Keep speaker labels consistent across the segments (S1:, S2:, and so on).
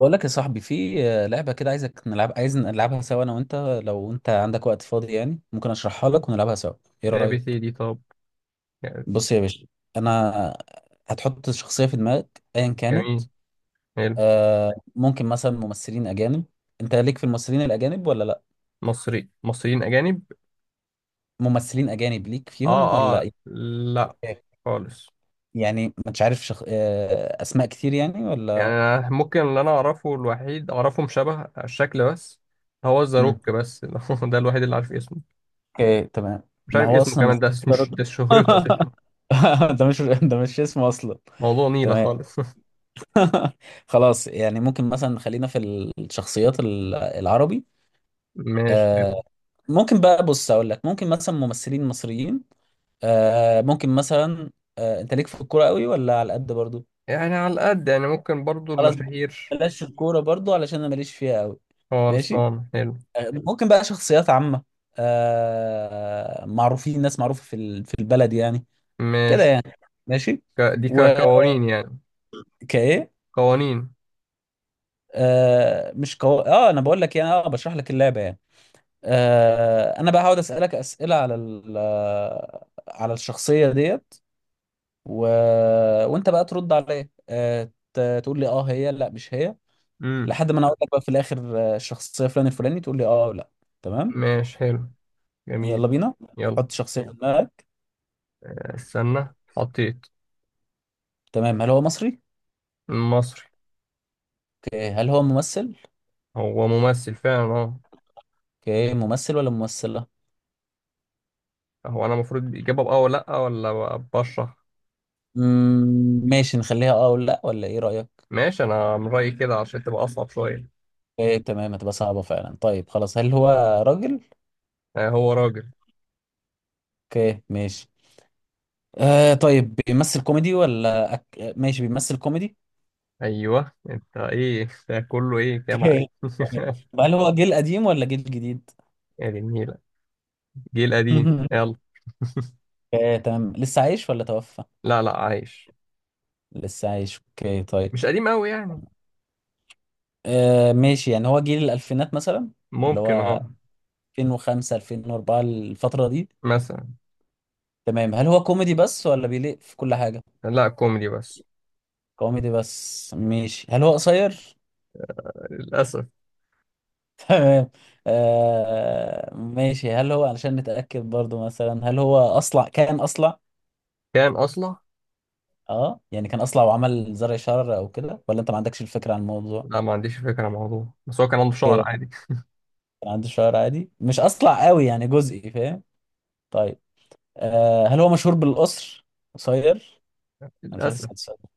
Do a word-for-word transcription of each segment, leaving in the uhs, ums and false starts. S1: بقول لك يا صاحبي في آه، لعبة كده عايزك نلعب عايز نلعبها سوا انا وانت. لو انت عندك وقت فاضي يعني ممكن اشرحها لك ونلعبها سوا. ايه
S2: اي بي سي
S1: رأيك؟
S2: دي طب.
S1: بص يا باشا. انا هتحط شخصية في دماغك ايا كانت.
S2: جميل. حلو.
S1: آه ممكن مثلا ممثلين اجانب. انت ليك في الممثلين الاجانب ولا لا؟
S2: مصري مصريين اجانب.
S1: ممثلين اجانب ليك
S2: اه
S1: فيهم ولا
S2: اه
S1: إيه؟
S2: لا. خالص.
S1: يعني مش عارف شخ... آه اسماء كتير يعني
S2: يعني
S1: ولا.
S2: أنا ممكن اللي انا اعرفه الوحيد اعرفهم شبه الشكل بس. هو
S1: مم.
S2: الزاروك بس ده الوحيد اللي عارف اسمه.
S1: اوكي تمام.
S2: مش
S1: ما
S2: عارف
S1: هو
S2: اسمه
S1: اصلا
S2: كمان،
S1: ممثل.
S2: ده
S1: ده
S2: مش
S1: راجل.
S2: ده شهرته اساسا.
S1: ده مش ده مش اسمه اصلا.
S2: موضوع نيلة
S1: تمام.
S2: خالص
S1: خلاص يعني ممكن مثلا خلينا في الشخصيات ال- العربي.
S2: ماشي.
S1: آه ممكن بقى بص اقول لك ممكن مثلا ممثلين مصريين. آه ممكن مثلا. آه انت ليك في الكوره قوي ولا على قد برضو؟
S2: يعني على قد، يعني ممكن برضو
S1: خلاص.
S2: المشاهير.
S1: بلاش الكوره برضو علشان انا ماليش فيها قوي. ماشي.
S2: خلصان، حلو.
S1: آه ممكن بقى شخصيات عامه. آه معروفين ناس معروفه في ال- في البلد يعني. كده
S2: ماشي.
S1: يعني. ماشي.
S2: ك... دي
S1: وكايه.
S2: كقوانين يعني. قوانين.
S1: آه مش قو... اه انا بقول لك يعني اه بشرح لك اللعبه يعني. آه، انا بقى هقعد اسالك اسئله على ال- آه، على الشخصيه ديت و... وانت بقى ترد عليا آه، ت- تقول لي اه هي لا مش هي.
S2: امم.
S1: لحد ما انا اقول لك بقى في الاخر آه، الشخصيه فلان الفلاني تقول لي اه أو لا. تمام.
S2: ماشي، حلو. جميل.
S1: يلا بينا.
S2: يلا.
S1: حط شخصيه في دماغك.
S2: استنى، حطيت.
S1: تمام. هل هو مصري؟
S2: مصري.
S1: اوكي هل هو ممثل؟
S2: هو ممثل فعلا، اه.
S1: اوكي ممثل ولا ممثله؟
S2: هو انا المفروض اجابه بأه ولا لا ولا بشرح؟
S1: مم، ماشي نخليها اه ولا لا ولا ايه رايك؟
S2: ماشي، انا من رايي كده عشان تبقى اصعب شويه.
S1: اوكي تمام. هتبقى صعبه فعلا. طيب خلاص هل هو راجل؟
S2: آه، هو راجل.
S1: اوكي ماشي. آه طيب بيمثل كوميدي ولا أك... ماشي بيمثل كوميدي.
S2: ايوه، انت ايه ده كله ايه كده معاك.
S1: طب هل هو جيل قديم ولا جيل جديد؟
S2: يا دي النيله. جيل قديم، يلا.
S1: آه تمام. لسه عايش ولا توفى؟
S2: لا لا، عايش.
S1: لسه عايش اوكي طيب.
S2: مش قديم قوي يعني.
S1: آه ماشي يعني هو جيل الألفينات مثلا. اللي
S2: ممكن،
S1: هو
S2: اه.
S1: ألفين وخمسة ألفين وأربعة الفترة دي.
S2: مثلا.
S1: تمام. هل هو كوميدي بس ولا بيليق في كل حاجة؟
S2: لا، كوميدي بس.
S1: كوميدي بس ماشي. هل هو قصير؟
S2: للاسف.
S1: تمام. آه ماشي هل هو علشان نتأكد برضو مثلا هل هو أصلع؟ كان أصلع؟
S2: كان اصلا.
S1: اه يعني كان اصلع وعمل زرع شعر او كده ولا انت ما عندكش الفكره عن الموضوع؟
S2: لا، ما عنديش فكره عن الموضوع، بس هو كان عنده شعر
S1: اوكي.
S2: عادي.
S1: كان عندي شعر عادي مش اصلع قوي يعني جزئي فاهم. طيب. آه هل هو مشهور بالقصر؟ قصير. انا مش عارف
S2: للاسف.
S1: اسال السؤال ده.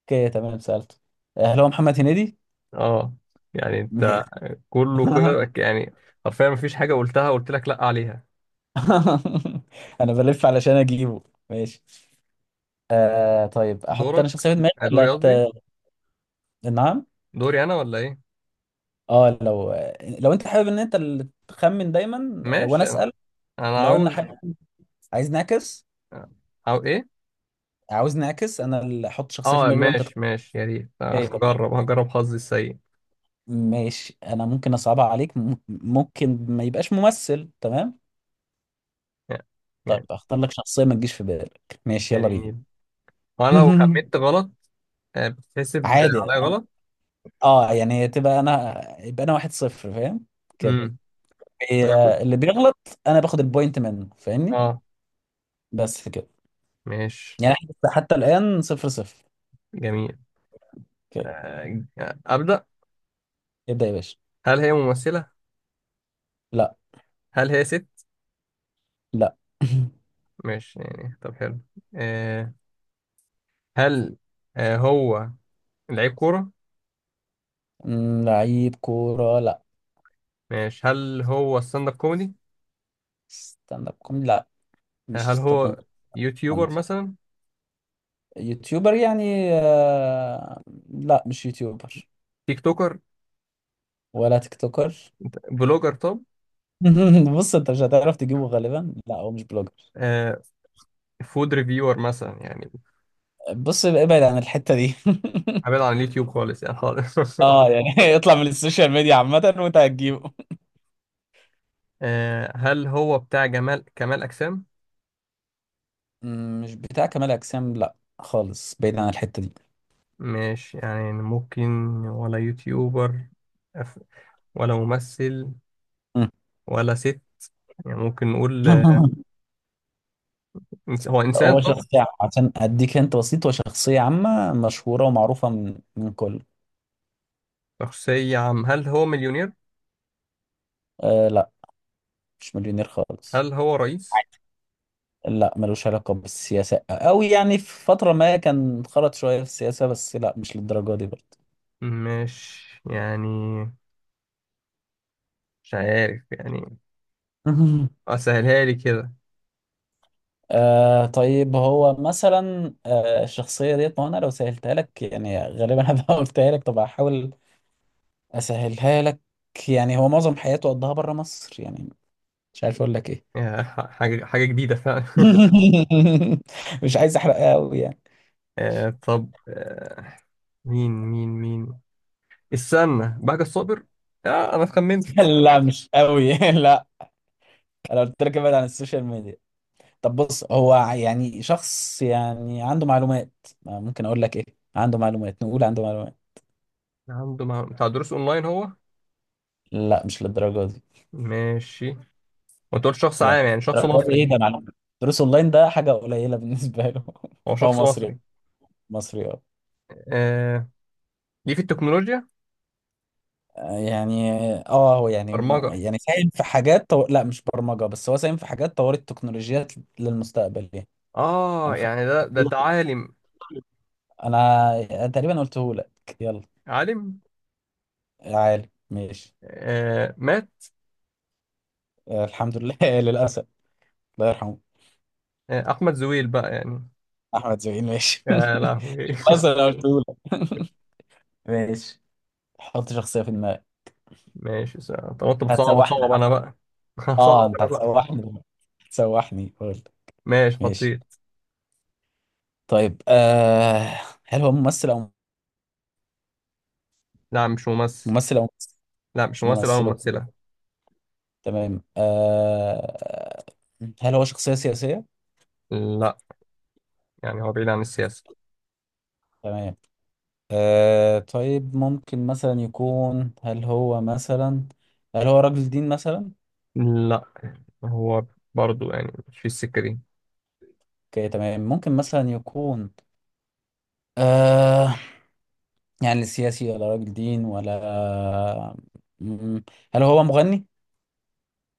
S1: اوكي تمام سالته. آه هل هو محمد هنيدي؟
S2: اه يعني
S1: ماشي.
S2: انت كله كده يعني. حرفيا مفيش حاجة قلتها، قلت لك لأ عليها.
S1: انا بلف علشان اجيبه. ماشي. آه طيب احط
S2: دورك.
S1: انا شخصيه في دماغي
S2: آه، دوري
S1: ولا ت...
S2: قصدي.
S1: نعم؟
S2: دوري أنا ولا إيه؟
S1: اه لو لو انت حابب ان انت اللي تخمن دايما آه، وانا
S2: ماشي، أنا.
S1: اسال.
S2: أنا
S1: لو انا
S2: عاوز.
S1: حابب. عايز نعكس.
S2: أو إيه؟
S1: عاوزني اعكس انا اللي احط شخصيه في
S2: أه،
S1: دماغي وانت تخ-
S2: ماشي ماشي، يا ريت. آه،
S1: إيه، تمام.
S2: هجرب هجرب حظي السيء.
S1: ماشي. انا ممكن اصعبها عليك م- ممكن ما يبقاش ممثل. تمام.
S2: يعني
S1: طيب
S2: يعني
S1: اختار لك شخصيه ما تجيش في بالك. ماشي
S2: يعني
S1: يلا بينا.
S2: النيل. وأنا لو خمنت غلط، آه، بتحسب
S1: عادي
S2: عليا
S1: أنا-
S2: غلط؟
S1: اه يعني تبقى انا يبقى انا واحد صفر فاهم كده.
S2: أمم. أنا كنت.
S1: هي اللي بيغلط. انا باخد البوينت منه فاهمني.
S2: أه،
S1: بس كده.
S2: ماشي.
S1: يعني إحنا لسه حتى الان صفر صفر.
S2: جميل.
S1: اوكي.
S2: آه، أبدأ.
S1: ابدا يا باشا.
S2: هل هي ممثلة؟
S1: لا.
S2: هل هي ست؟
S1: لا.
S2: ماشي، يعني طب حلو. آه، هل آه، هو لعيب كورة؟
S1: أمم، لعيب كوره لا.
S2: ماشي، هل هو ستاند اب كوميدي؟
S1: ستاند اب كوميدي لا. مش
S2: هل
S1: ستاند اب
S2: هو يوتيوبر
S1: كوميدي.
S2: مثلا؟
S1: يوتيوبر يعني آه، لا مش يوتيوبر.
S2: تيك توكر؟
S1: ولا تيك توكر.
S2: بلوجر طب؟
S1: بص انت مش هتعرف تجيبه غالبا. لا هو مش بلوجر.
S2: آه، فود ريفيور مثلا يعني.
S1: بص ابعد عن الحتة دي.
S2: ابعد عن اليوتيوب خالص، يعني خالص
S1: اه يعني اطلع من السوشيال ميديا عامة وانت هتجيبه.
S2: آه، هل هو بتاع جمال كمال اجسام؟
S1: مم، مش بتاع كمال اجسام لا خالص بعيد عن الحتة دي.
S2: مش يعني ممكن. ولا يوتيوبر. أف- ولا ممثل.
S1: مم.
S2: ولا ست. يعني ممكن نقول، آه، إنس- هو انسان
S1: هو
S2: طب؟
S1: شخصية عشان اديك انت بسيط. هو شخصية عامة مشهورة ومعروفة من من كل.
S2: شخصية عام، هل هو مليونير؟
S1: آه لا مش مليونير خالص.
S2: هل هو رئيس؟
S1: لا ملوش علاقة بالسياسة أو يعني في فترة ما كان خرج شوية في السياسة بس لا مش للدرجة دي برضه.
S2: مش يعني. مش عارف يعني. اه، سهلها لي كده.
S1: آه طيب هو مثلا آه الشخصية ديت. ما أنا لو سهلتها لك يعني غالبا هبقى قلتها لك. طب هحاول أسهلها لك. يعني هو معظم حياته قضاها بره مصر يعني. مش عارف أقول لك إيه.
S2: يا ح- حاجة حاجة جديدة فعلا
S1: مش عايز أحرقها أوي يعني
S2: آه، طب آه، مين مين مين. استنى، بهجة الصابر. آه، أنا خمنت.
S1: لا مش أوي. لا. أنا قلت لك ابعد عن السوشيال ميديا. طب بص هو يعني شخص يعني عنده معلومات. آه، ممكن اقول لك ايه؟ عنده معلومات. نقول عنده معلومات.
S2: عنده مع... بتاع دروس أونلاين هو؟
S1: لا مش للدرجه دي.
S2: ماشي. وأنت قلت شخص
S1: يعني
S2: عام، يعني شخص
S1: الدرجة دي
S2: مصري.
S1: ايه ده معلومات. دروس اونلاين ده حاجه قليله بالنسبه له.
S2: هو
S1: هو
S2: شخص
S1: مصري.
S2: مصري.
S1: مصري اه.
S2: آه، ليه في التكنولوجيا؟
S1: آه، يعني اه هو يعني م-
S2: برمجة.
S1: يعني ساهم في حاجات طو... لا مش برمجه بس هو ساهم في حاجات طورت التكنولوجيات للمستقبل يعني.
S2: آه
S1: انا خ...
S2: يعني ده ده ده عالم.
S1: انا تقريبا قلته لك. يلا.
S2: عالم.
S1: يا عالي ماشي.
S2: آه، مات.
S1: آه، الحمد لله للاسف. الله يرحمه.
S2: آه، أحمد زويل بقى يعني.
S1: احمد زويل ماشي.
S2: يا لهوي
S1: بس انا قلتهولك. ماشي. حط شخصية في دماغك.
S2: ماشي سهل. طب أنت بتصعب،
S1: هتسوحني.
S2: صعب أنا بقى. صعب
S1: اه انت
S2: أنا بقى.
S1: هتسوحني دلوقتي. هتسوحني قول.
S2: ماشي
S1: ماشي.
S2: حطيت.
S1: طيب آه هل هو ممثل او
S2: لا مش ممثل.
S1: ممثل او ممثل؟
S2: لا مش
S1: مش
S2: ممثل أو
S1: ممثل.
S2: ممثلة.
S1: تمام. آه هل هو شخصية سياسية؟
S2: لا، يعني هو بعيد عن السياسة.
S1: تمام. آه طيب ممكن مثلا يكون هل هو مثلا هل هو رجل دين مثلا؟
S2: لا هو برضو يعني مش في السكة دي.
S1: اوكي تمام ممكن مثلا يكون آه يعني سياسي ولا راجل دين ولا. مم. هل هو مغني؟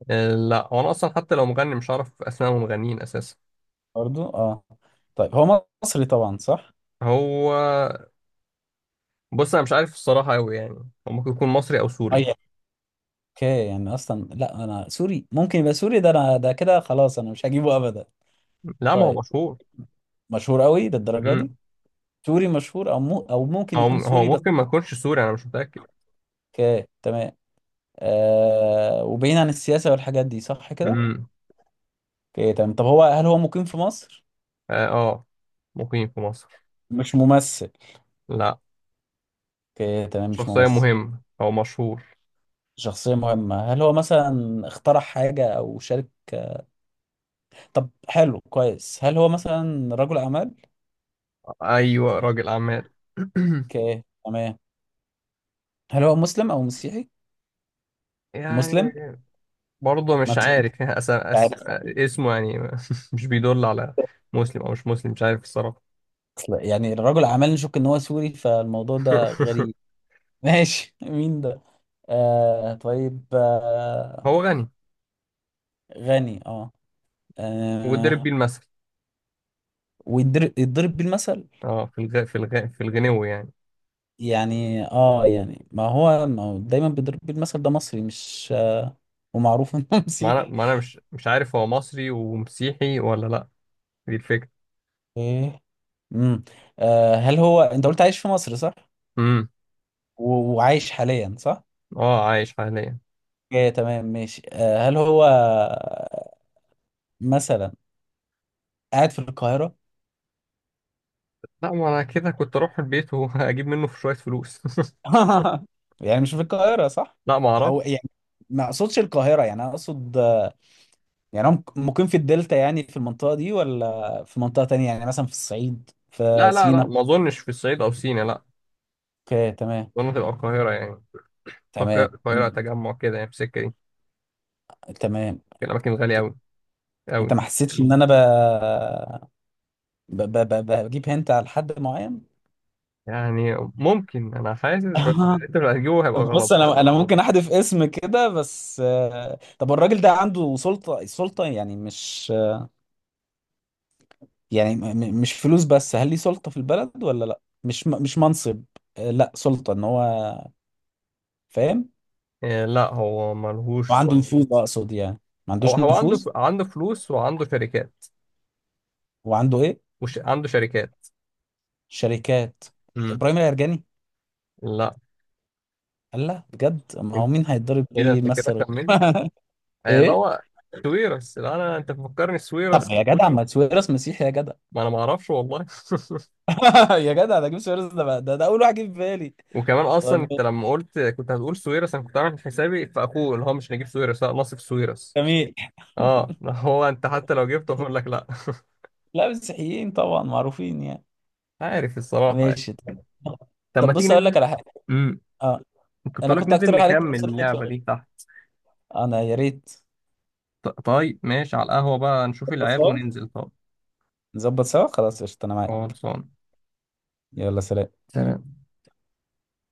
S2: آه، لا هو أنا أصلا حتى لو مغني مش عارف أسماء المغنيين أساسا.
S1: برضو اه. طيب هو مصري طبعا صح؟
S2: هو بص أنا مش عارف الصراحة أوي يعني. هو ممكن يكون مصري أو
S1: اي.
S2: سوري.
S1: اوكي يعني اصلا لا انا سوري. ممكن يبقى سوري؟ ده انا ده كده خلاص انا مش هجيبه ابدا.
S2: لا ما هو
S1: طيب.
S2: مشهور.
S1: مشهور قوي للدرجه دي؟
S2: مم.
S1: سوري مشهور او مو او ممكن
S2: هو
S1: يكون
S2: هو
S1: سوري بس.
S2: ممكن ما يكونش سوري، أنا مش متأكد.
S1: اوكي تمام. آه وبعيد عن السياسه والحاجات دي صح كده؟
S2: مم.
S1: اوكي تمام. طب هو هل هو مقيم في مصر؟
S2: آه، آه. مقيم في مصر.
S1: مش ممثل.
S2: لا.
S1: اوكي تمام مش
S2: شخصية
S1: ممثل.
S2: مهمة أو مشهور.
S1: شخصية مهمة هل هو مثلا اخترع حاجة أو شارك؟ طب حلو كويس هل هو مثلا رجل أعمال؟
S2: أيوة راجل أعمال.
S1: اوكي تمام. هل هو مسلم أو مسيحي؟
S2: يعني.
S1: مسلم؟
S2: برضه
S1: ما
S2: مش
S1: انت
S2: عارف أس... أس...
S1: عارف.
S2: اسمه يعني. مش بيدل على مسلم او مش مسلم، مش عارف الصراحه.
S1: أصل يعني رجل أعمال نشك إن هو سوري فالموضوع ده غريب. ماشي. مين ده؟ آه طيب آه.
S2: هو غني.
S1: غني اه،
S2: وضرب
S1: آه.
S2: آه. بيه المثل.
S1: ويضرب يضرب بيه المثل.
S2: اه في الغ... في الغ... في الغنو يعني.
S1: يعني اه يعني ما هو ما هو دايما بيضرب بيه المثل. ده مصري مش آه ومعروف انه
S2: ما انا
S1: مسيحي.
S2: ما انا مش مش عارف هو مصري ومسيحي ولا لا. دي الفكره.
S1: ايه. امم. آه هل هو انت قلت عايش في مصر صح؟
S2: امم.
S1: و... وعايش حاليا صح؟
S2: اه عايش حاليا.
S1: اوكي تمام ماشي. آه هل هو مثلا قاعد في القاهرة؟
S2: لا، ما انا كده كنت اروح البيت واجيب منه في شويه فلوس
S1: يعني مش في القاهرة صح؟
S2: لا ما اعرف.
S1: او يعني ما اقصدش القاهرة يعني انا اقصد آه، يعني هو مك- مقيم في الدلتا يعني في المنطقة دي ولا في منطقة تانية يعني مثلا في الصعيد في
S2: لا لا لا،
S1: سينا؟
S2: ما اظنش في الصعيد او سينا، لا.
S1: اوكي تمام.
S2: اظن تبقى القاهره يعني. أعتقد
S1: تمام.
S2: القاهره
S1: مم.
S2: تجمع كده، يعني في السكه دي.
S1: تمام.
S2: في الاماكن غاليه قوي
S1: انت
S2: قوي.
S1: ما حسيتش ان انا ب... ب... ب... ب... بجيب هنت على حد معين.
S2: يعني ممكن انا حاسس بس انت اللي هتجيبه هيبقى
S1: طب
S2: غلط
S1: بص
S2: برضه.
S1: انا انا ممكن احذف اسم كده بس آه، طب الراجل ده عنده سلطة سلطة يعني مش يعني م- م- مش فلوس بس هل ليه سلطة في البلد ولا لا مش م- مش منصب. آه، لا سلطة ان هو فاهم.
S2: إيه، لا هو ملهوش
S1: وعنده
S2: سوق.
S1: نفوذ اقصد يعني. ما
S2: هو
S1: عندوش
S2: هو عنده
S1: نفوذ.
S2: ف... عنده فلوس وعنده شركات.
S1: وعنده ايه؟
S2: وش... عنده شركات.
S1: شركات.
S2: امم.
S1: ابراهيم العرجاني؟
S2: لا.
S1: قال لا بجد. ما هو
S2: انت
S1: مين هيتضرب
S2: ايه ده
S1: بيه
S2: انت
S1: مثل
S2: كده
S1: غيره؟
S2: كملت. يعني اللي
S1: ايه.
S2: هو سويرس. لا انا، انت بتفكرني
S1: طب
S2: سويرس.
S1: يا جدع ما سويرس مسيحي يا جدع.
S2: ما انا ما اعرفش والله
S1: يا جدع ده اجيب سويرس ده بقى- ده, ده اول واحد جه في بالي.
S2: وكمان اصلا
S1: طيب.
S2: انت لما قلت كنت هتقول سويرس، انا كنت عامل حسابي في اخوه اللي هو مش نجيب سويرس، لا نصف سويرس.
S1: جميل.
S2: اه هو انت حتى لو جبته هقول لك لا.
S1: لا مسيحيين طبعا معروفين يعني.
S2: عارف الصراحه يعني.
S1: ماشي طب.
S2: طب
S1: طب
S2: ما تيجي
S1: بص اقول لك
S2: ننزل،
S1: على حاجه. اه
S2: كنت
S1: انا
S2: لك
S1: كنت
S2: ننزل
S1: اقترح عليك
S2: نكمل
S1: نفس الفكره
S2: اللعبة
S1: دي.
S2: دي تحت.
S1: انا يا ريت.
S2: ط- طيب ماشي، على القهوة بقى نشوف
S1: بس
S2: العيال
S1: آه.
S2: وننزل طب.
S1: نظبط سوا خلاص قشطه انا معاك.
S2: خلصان.
S1: يلا سلام.
S2: سلام.